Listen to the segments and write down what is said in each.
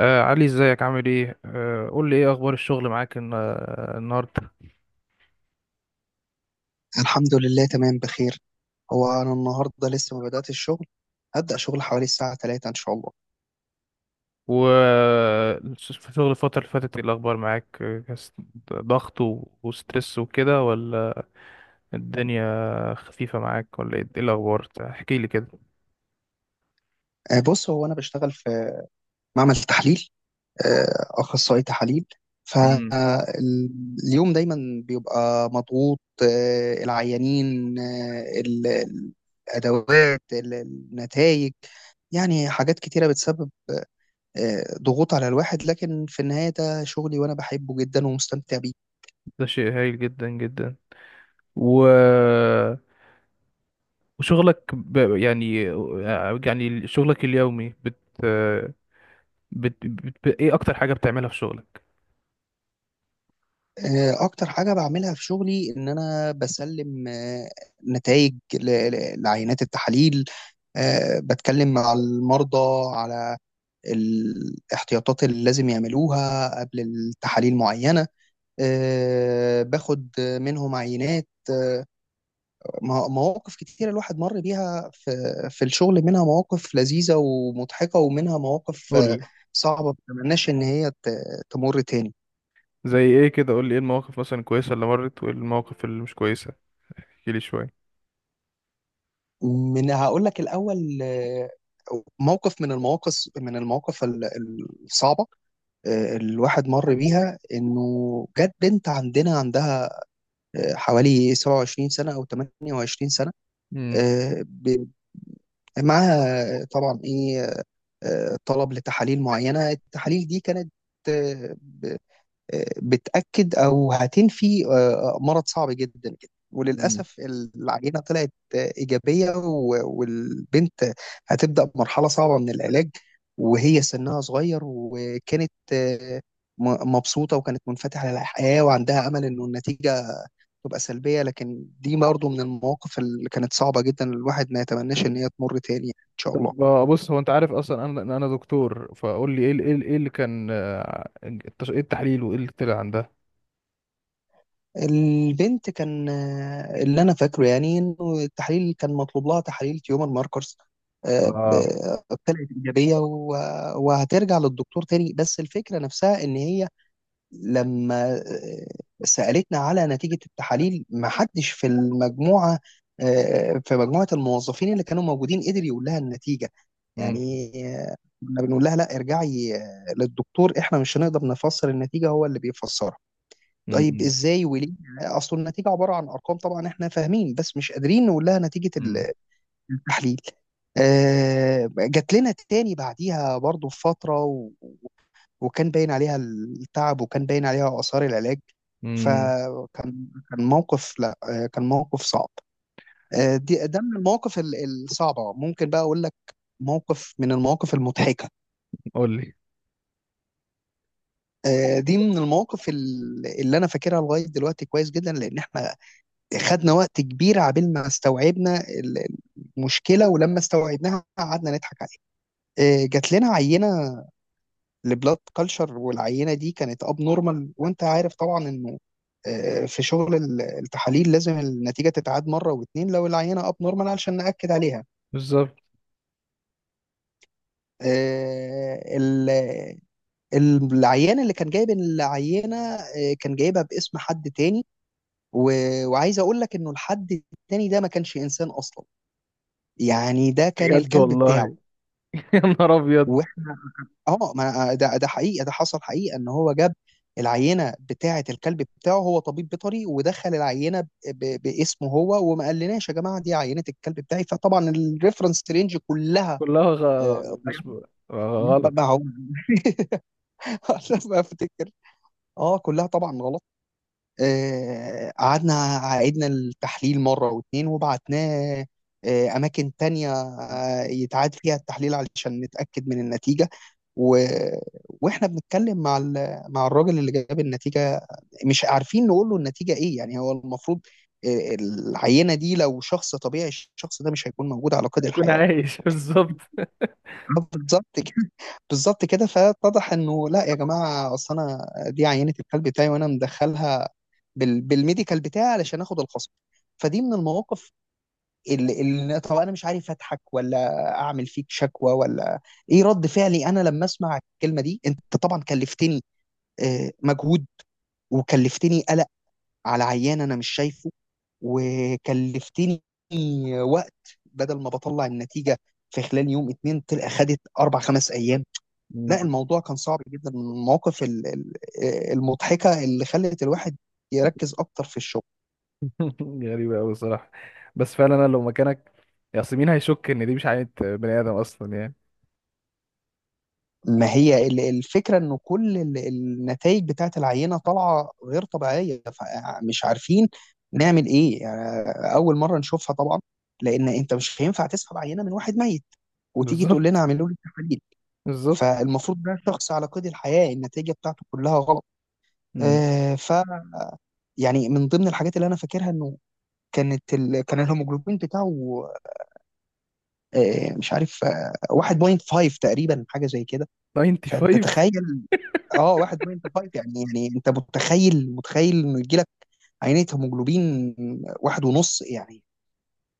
علي، ازيك؟ عامل ايه؟ قول لي، ايه اخبار الشغل معاك النهارده؟ الحمد لله، تمام بخير. هو أنا النهاردة لسه ما بدأت الشغل. هبدأ شغل حوالي الساعة 3 إن شاء الله. و في شغل الفترة اللي فاتت ايه الاخبار معاك؟ ضغط وستريس وكده، ولا الدنيا خفيفة معاك، ولا إيه الاخبار؟ احكي لي كده. بص، هو أنا بشتغل في معمل تحليل، أخصائي تحاليل. امم. فاليوم دايما بيبقى مضغوط، آه، العيانين آه، ال- ال- الأدوات، النتائج، يعني حاجات كتيرة بتسبب ضغوط على الواحد. لكن في النهاية ده شغلي وأنا بحبه جدا ومستمتع بيه. ده شيء هايل جدا جدا. و وشغلك ب... يعني آه، يعني شغلك اليومي ايه اكتر حاجة بتعملها في شغلك؟ اكتر حاجه بعملها في شغلي ان انا بسلم نتائج لعينات التحاليل. بتكلم مع المرضى على الاحتياطات اللي لازم يعملوها قبل التحاليل معينه. باخد منهم عينات. مواقف كتيرة الواحد مر بيها في الشغل، منها مواقف لذيذة ومضحكة، ومنها مواقف صعبة ما بتمناش إن هي تمر تاني. زي ايه كده؟ قول لي ايه المواقف مثلا الكويسة اللي مرت، وايه المواقف اللي مش كويسة؟ احكي لي شوية. من هقول لك الاول، موقف من المواقف، الصعبه الواحد مر بيها، انه جت بنت عندنا، عندها حوالي 27 سنه او 28 سنه. امم. آه، ب- معاها طبعا ايه، طلب لتحاليل معينه. التحاليل دي كانت بتأكد أو هتنفي مرض صعب جدا جدا. مم. وللأسف العينة طلعت إيجابية، والبنت هتبدأ مرحلة صعبة من العلاج، وهي سنها صغير، وكانت مبسوطة وكانت منفتحة للحياة وعندها أمل إنه النتيجة تبقى سلبية. لكن دي برضه من المواقف اللي كانت صعبة جدا، الواحد ما يتمناش إن مم. هي تمر تاني إن شاء الله. طب، بص، هو انت عارف اصلا انا دكتور، فقول لي إيه اللي كان، ايه التحليل وايه اللي طلع عندها؟ البنت كان اللي انا فاكره يعني انه التحاليل كان مطلوب لها تحاليل تيومر ماركرز. آه، ب- اه. طلعت ايجابيه وهترجع للدكتور تاني. بس الفكره نفسها ان هي لما سالتنا على نتيجه التحاليل، ما حدش في المجموعه، في مجموعه الموظفين اللي كانوا موجودين، قدر يقول لها النتيجه، امم. يعني آه، كنا بنقول لها لا، ارجعي للدكتور، احنا مش هنقدر نفسر النتيجه، هو اللي بيفسرها. طيب امم. ازاي وليه؟ اصل النتيجه عباره عن ارقام، طبعا احنا فاهمين بس مش قادرين نقول لها نتيجه امم. التحليل. جات لنا تاني بعديها برضو في فتره، وكان باين عليها التعب وكان باين عليها اثار العلاج. امم. فكان موقف، لا كان موقف صعب. دي من المواقف الصعبه. ممكن بقى اقول لك موقف من المواقف المضحكه. قول لي. دي من المواقف اللي انا فاكرها لغايه دلوقتي كويس جدا، لان احنا خدنا وقت كبير عبال ما استوعبنا المشكله، ولما استوعبناها قعدنا نضحك عليها. جات لنا عينه لبلاد كلشر، والعينه دي كانت اب نورمال. وانت عارف طبعا انه في شغل التحاليل لازم النتيجه تتعاد مره واتنين لو العينه اب نورمال علشان ناكد عليها. بالظبط. آه، ال- العيان اللي كان جايب العينه كان جايبها باسم حد تاني، وعايز اقول لك انه الحد التاني ده ما كانش انسان اصلا، يعني ده كان بجد الكلب بتاعه. والله؟ يا نهار ابيض! واحنا اه ما أنا- ده ده حقيقه، ده حصل حقيقه. ان هو جاب العينه بتاعه الكلب بتاعه، هو طبيب بيطري ودخل العينه باسمه هو وما قالناش يا جماعه دي عينه الكلب بتاعي. فطبعا الريفرنس رينج كلها كلها غ... آه، مش ب- غلط. ما هو ما افتكر اه كلها طبعا غلط. قعدنا عيدنا التحليل مرة واتنين وبعتناه أماكن تانية يتعاد فيها التحليل علشان نتأكد من النتيجة. و... وإحنا بنتكلم مع مع الراجل اللي جاب النتيجة، مش عارفين نقول له النتيجة إيه. يعني هو المفروض العينة دي لو شخص طبيعي، الشخص ده مش هيكون موجود على قيد هيكون الحياة. عايش بالظبط. بالظبط كده بالظبط كده. فاتضح انه لا يا جماعه، اصل انا دي عينه الكلب بتاعي وانا مدخلها بالميديكال بتاعي علشان اخد الخصم. فدي من المواقف اللي طب انا مش عارف اضحك ولا اعمل فيك شكوى ولا ايه رد فعلي انا لما اسمع الكلمه دي. انت طبعا كلفتني مجهود، وكلفتني قلق على عيان انا مش شايفه، وكلفتني وقت، بدل ما بطلع النتيجه في خلال يوم اتنين تلقى خدت اربع خمس ايام. لا، الموضوع كان صعب جدا. من المواقف المضحكة اللي خلت الواحد يركز أكتر في الشغل. غريبة أوي الصراحة. بس فعلا أنا لو مكانك ياسمين هيشك إن دي مش عينة بني آدم أصلا يعني. ما هي الفكرة إنه كل النتائج بتاعة العينة طالعة غير طبيعية، فمش عارفين نعمل إيه. يعني أول مرة نشوفها طبعا، لأن أنت مش هينفع تسحب عينة من واحد ميت وتيجي تقول بالظبط، لنا اعملوا لي تحاليل. بالظبط. فالمفروض ده شخص على قيد الحياة، النتيجة بتاعته كلها غلط. مم. آه، ف يعني من ضمن الحاجات اللي أنا فاكرها إنه كانت كان الهيموجلوبين بتاعه مش عارف، 1.5 تقريبا، حاجه زي كده. فانت 95؟ تخيل، اه 1.5 يعني. يعني انت متخيل انه يجي لك عينيه هيموجلوبين واحد ونص يعني،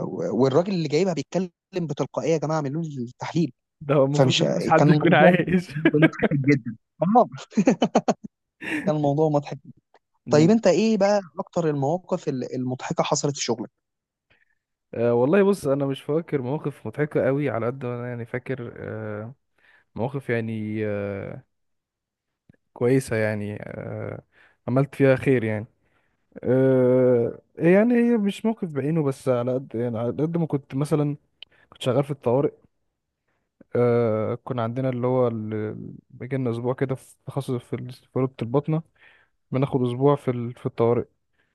والراجل اللي جايبها بيتكلم بتلقائيه يا جماعه اعملوا لي التحليل. ده هو فمش المفروض إن مفيش حد كان يكون الموضوع عايش. مضحك جدا. اه كان الموضوع مضحك. طيب مم. انت ايه بقى اكتر المواقف المضحكه حصلت في شغلك؟ أه والله، بص، أنا مش فاكر مواقف مضحكة أوي، على قد ما أنا يعني فاكر. أه، مواقف يعني، أه، كويسة يعني، أه، عملت فيها خير يعني. أه، يعني هي مش موقف بعينه، بس على قد ما كنت مثلا كنت شغال في الطوارئ. كنا عندنا اللي هو بيجي لنا اسبوع كده، في تخصص في رتبة الباطنة، بناخد اسبوع في الطوارئ،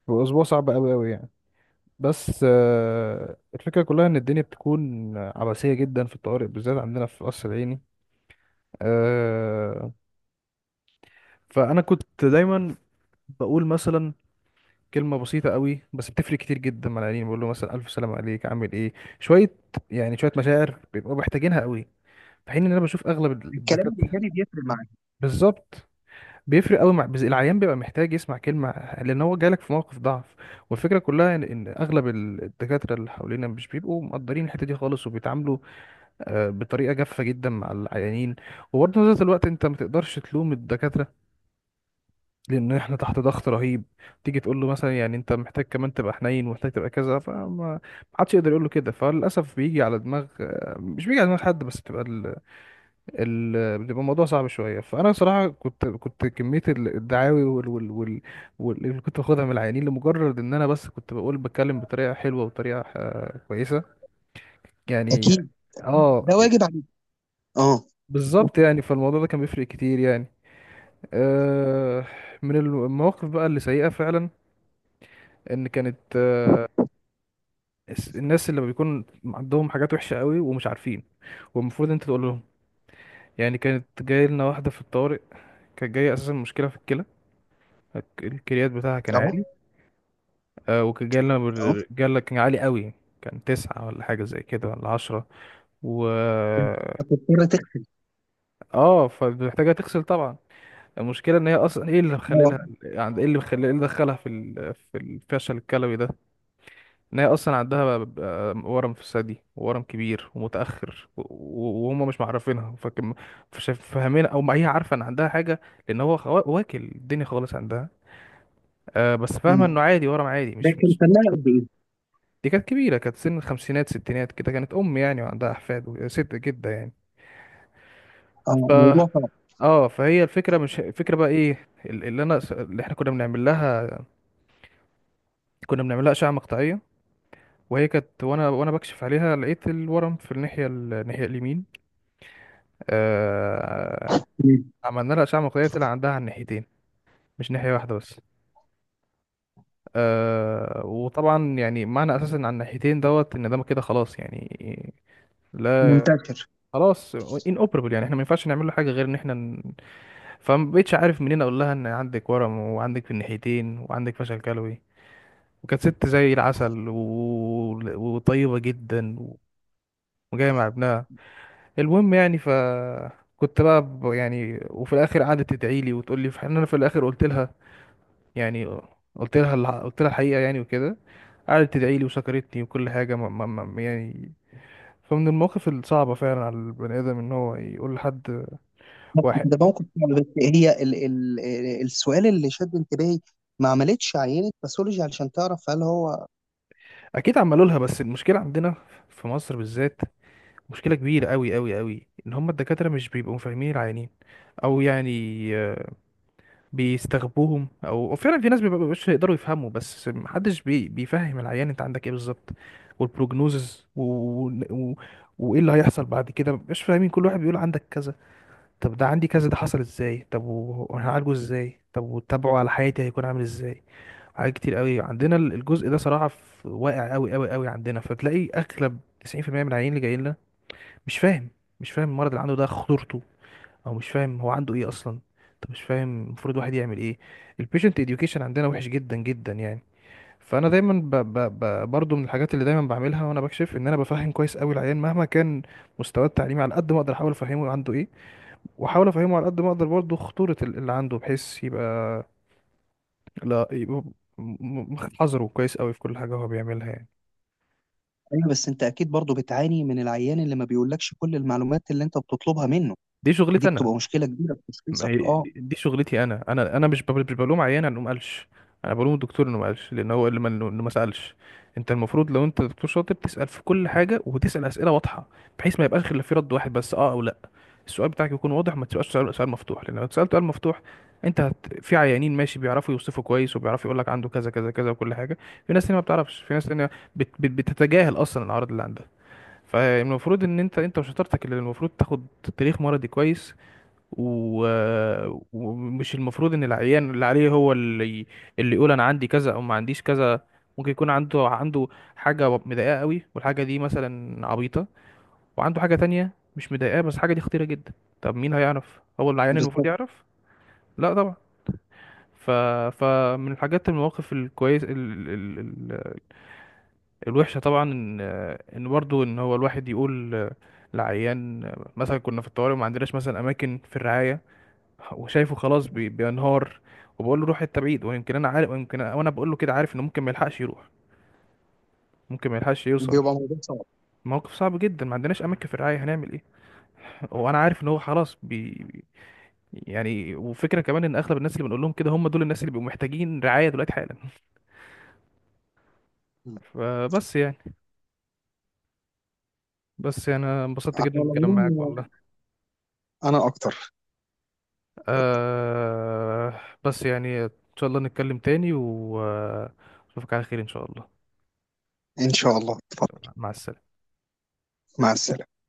واسبوع صعب قوي قوي يعني. بس الفكرة كلها ان الدنيا بتكون عباسية جدا في الطوارئ، بالذات عندنا في قصر العيني. آه فانا كنت دايما بقول مثلا كلمة بسيطة قوي، بس بتفرق كتير جدا مع العيانين، بقول له مثلا: ألف سلام عليك، عامل إيه؟ شوية، يعني شوية مشاعر بيبقوا محتاجينها قوي، في حين إن أنا بشوف أغلب الكلام الدكاترة، الايجابي بيفرق معاك. بالظبط، بيفرق قوي. مع بس العيان بيبقى محتاج يسمع كلمة، لأن هو جالك في موقف ضعف. والفكرة كلها إن أغلب الدكاترة اللي حوالينا مش بيبقوا مقدرين الحتة دي خالص، وبيتعاملوا بطريقة جافة جدا مع العيانين. وبرضه في نفس الوقت أنت ما تقدرش تلوم الدكاترة، لأن إحنا تحت ضغط رهيب. تيجي تقول له مثلا يعني أنت محتاج كمان تبقى حنين ومحتاج تبقى كذا، فما ما حدش يقدر يقول له كده. فللأسف بيجي على دماغ آه، مش بيجي على دماغ حد، بس بتبقى بيبقى الموضوع صعب شويه. فانا صراحه كنت كميه الدعاوي اللي كنت باخدها من العيانين لمجرد ان انا بس كنت بقول بتكلم بطريقه حلوه وطريقه كويسه يعني. اكيد، اه، ده واجب عليك. اه بالظبط يعني، فالموضوع ده كان بيفرق كتير يعني. آه من المواقف بقى اللي سيئه فعلا، ان كانت، الناس اللي بيكون عندهم حاجات وحشه قوي ومش عارفين، والمفروض انت تقول لهم يعني. كانت جايه لنا واحده في الطوارئ، كانت جايه اساسا مشكله في الكلى. الكليات بتاعها كان اه عالي، اه. جالنا كان عالي قوي، كان تسعة ولا حاجة زي كده، ولا عشرة. و بتضطر تخفي. اه، فمحتاجة تغسل طبعا. المشكلة ان هي اصلا ايه اللي اه. مخليلها يعني ايه اللي مخلي ايه اللي دخلها في الفشل الكلوي ده؟ ان هي اصلا عندها ورم في الثدي، ورم كبير ومتأخر وهم مش معرفينها، فكم مش فاهمينها، او ما هي عارفة ان عندها حاجة، لان هو واكل الدنيا خالص عندها، بس فاهمة انه عادي، ورم عادي ده مش... كان سنها قد ايه؟ دي كانت كبيرة، كانت سن الخمسينات ستينات كده، كانت أم يعني، وعندها أحفاد، وست جدة يعني. ف اه، موضوع فعلا. اه، فهي الفكرة، مش الفكرة بقى، ايه اللي احنا كنا بنعمل لها. كنا بنعمل لها أشعة مقطعية، وهي كانت، وانا بكشف عليها لقيت الورم في الناحية اليمين. آه... مم. عملنا لها أشعة مقطعية، طلع عندها على الناحيتين، مش ناحية واحدة بس. وطبعا يعني معنى أساسا على الناحيتين دوت، إن ده كده خلاص يعني. لا، منتشر. خلاص، ان اوبربل يعني، احنا ما ينفعش نعمل له حاجه غير ان احنا. فما بقتش عارف منين اقول لها ان عندك ورم، وعندك في الناحيتين، وعندك فشل كلوي، وكانت ست زي العسل وطيبة جدا، وجاية مع ابنها. المهم يعني. كنت بقى يعني، وفي الاخر قعدت تدعي لي وتقول لي، في حين انا في الاخر قلت لها يعني، قلت لها الحقيقة يعني وكده. قعدت تدعي لي وشكرتني وكل حاجة، ما يعني. فمن المواقف الصعبة فعلا على البني آدم إن هو يقول لحد بس واحد. ده موقف فعلا. بس هي ال ال السؤال اللي شد انتباهي، ما عملتش عينة باثولوجي علشان تعرف هل هو؟ أكيد عملوا لها، بس المشكلة عندنا في مصر بالذات، مشكلة كبيرة أوي أوي أوي، إن هما الدكاترة مش بيبقوا فاهمين العيانين، أو يعني، آه، بيستغبوهم، أو فعلا في ناس مبيبقوش يقدروا يفهموا، بس محدش بيفهم العيان أنت عندك إيه بالظبط، والبروجنوزز و... وإيه اللي هيحصل بعد كده. مش فاهمين، كل واحد بيقول عندك كذا. طب ده عندي كذا ده حصل إزاي؟ طب وهنعالجه إزاي؟ طب، وتابعه على حياتي هيكون عامل إزاي؟ حاجات كتير أوي عندنا الجزء ده صراحة، واقع أوي أوي أوي عندنا. فتلاقي أغلب 90% من العيانين اللي جايين مش فاهم مش فاهم المرض اللي عنده ده خطورته، او مش فاهم هو عنده ايه اصلا. طب مش فاهم المفروض الواحد يعمل ايه؟ البيشنت اديوكيشن عندنا وحش جدا جدا يعني. فانا دايما ب ب ب برضو من الحاجات اللي دايما بعملها وانا بكشف ان انا بفهم كويس قوي العيان مهما كان مستواه التعليمي، على قد ما اقدر احاول افهمه عنده ايه، واحاول افهمه على قد ما اقدر برضو خطورة اللي عنده، بحيث يبقى، لا، يبقى حذره كويس قوي في كل حاجة هو بيعملها يعني. ايوه بس انت اكيد برضو بتعاني من العيان اللي ما بيقولكش كل المعلومات اللي انت بتطلبها منه. دي دي شغلتي انا. بتبقى مشكلة كبيرة في ما تشخيصك. هي اه، دي شغلتي انا مش بلوم عيان انه ما قالش، انا بلوم الدكتور انه ما قالش، لان هو اللي ما سالش. انت المفروض لو انت دكتور شاطر تسال في كل حاجه، وتسال اسئله واضحه، بحيث ما يبقاش غير في رد واحد بس، اه او لا. السؤال بتاعك يكون واضح، وما تبقاش سؤال مفتوح، لان لو سالت سؤال مفتوح، انت في عيانين ماشي بيعرفوا يوصفوا كويس وبيعرفوا يقول لك عنده كذا كذا كذا وكل حاجه. في ناس تانية ما بتعرفش، في ناس تانية بتتجاهل اصلا الاعراض اللي عندها. فالمفروض ان انت وشطارتك اللي المفروض تاخد تاريخ مرضي كويس، و... ومش المفروض ان العيان اللي عليه هو اللي يقول انا عندي كذا او ما عنديش كذا. ممكن يكون عنده حاجة مضايقاه قوي، والحاجة دي مثلا عبيطة، وعنده حاجة تانية مش مضايقاه، بس الحاجة دي خطيرة جدا. طب مين هيعرف؟ هو العيان المفروض بالظبط. يعرف؟ لا طبعا. ف... فمن الحاجات المواقف الكويس الوحشة طبعا، ان برضه ان هو الواحد يقول لعيان مثلا، كنا في الطوارئ وما عندناش مثلا اماكن في الرعاية، وشايفه خلاص بينهار، وبقول له روح حته بعيد. ويمكن انا عارف، ويمكن وانا بقول له كده عارف انه ممكن ما يلحقش يروح، ممكن ما يلحقش يوصل. بيبقى موضوع صعب. موقف صعب جدا. ما عندناش اماكن في الرعايه، هنعمل ايه؟ وانا عارف ان هو خلاص بي، يعني. وفكره كمان ان اغلب الناس اللي بنقول لهم كده هم دول الناس اللي بيبقوا محتاجين رعايه دلوقتي حالا. مم. فبس يعني، بس يعني انا انبسطت على جدا بالكلام معاك والله. العموم انا اكتر. آه بس يعني ان شاء الله نتكلم تاني، واشوفك على خير ان شاء الله. ان شاء الله، اتفضل. مع السلامه. مع السلامة.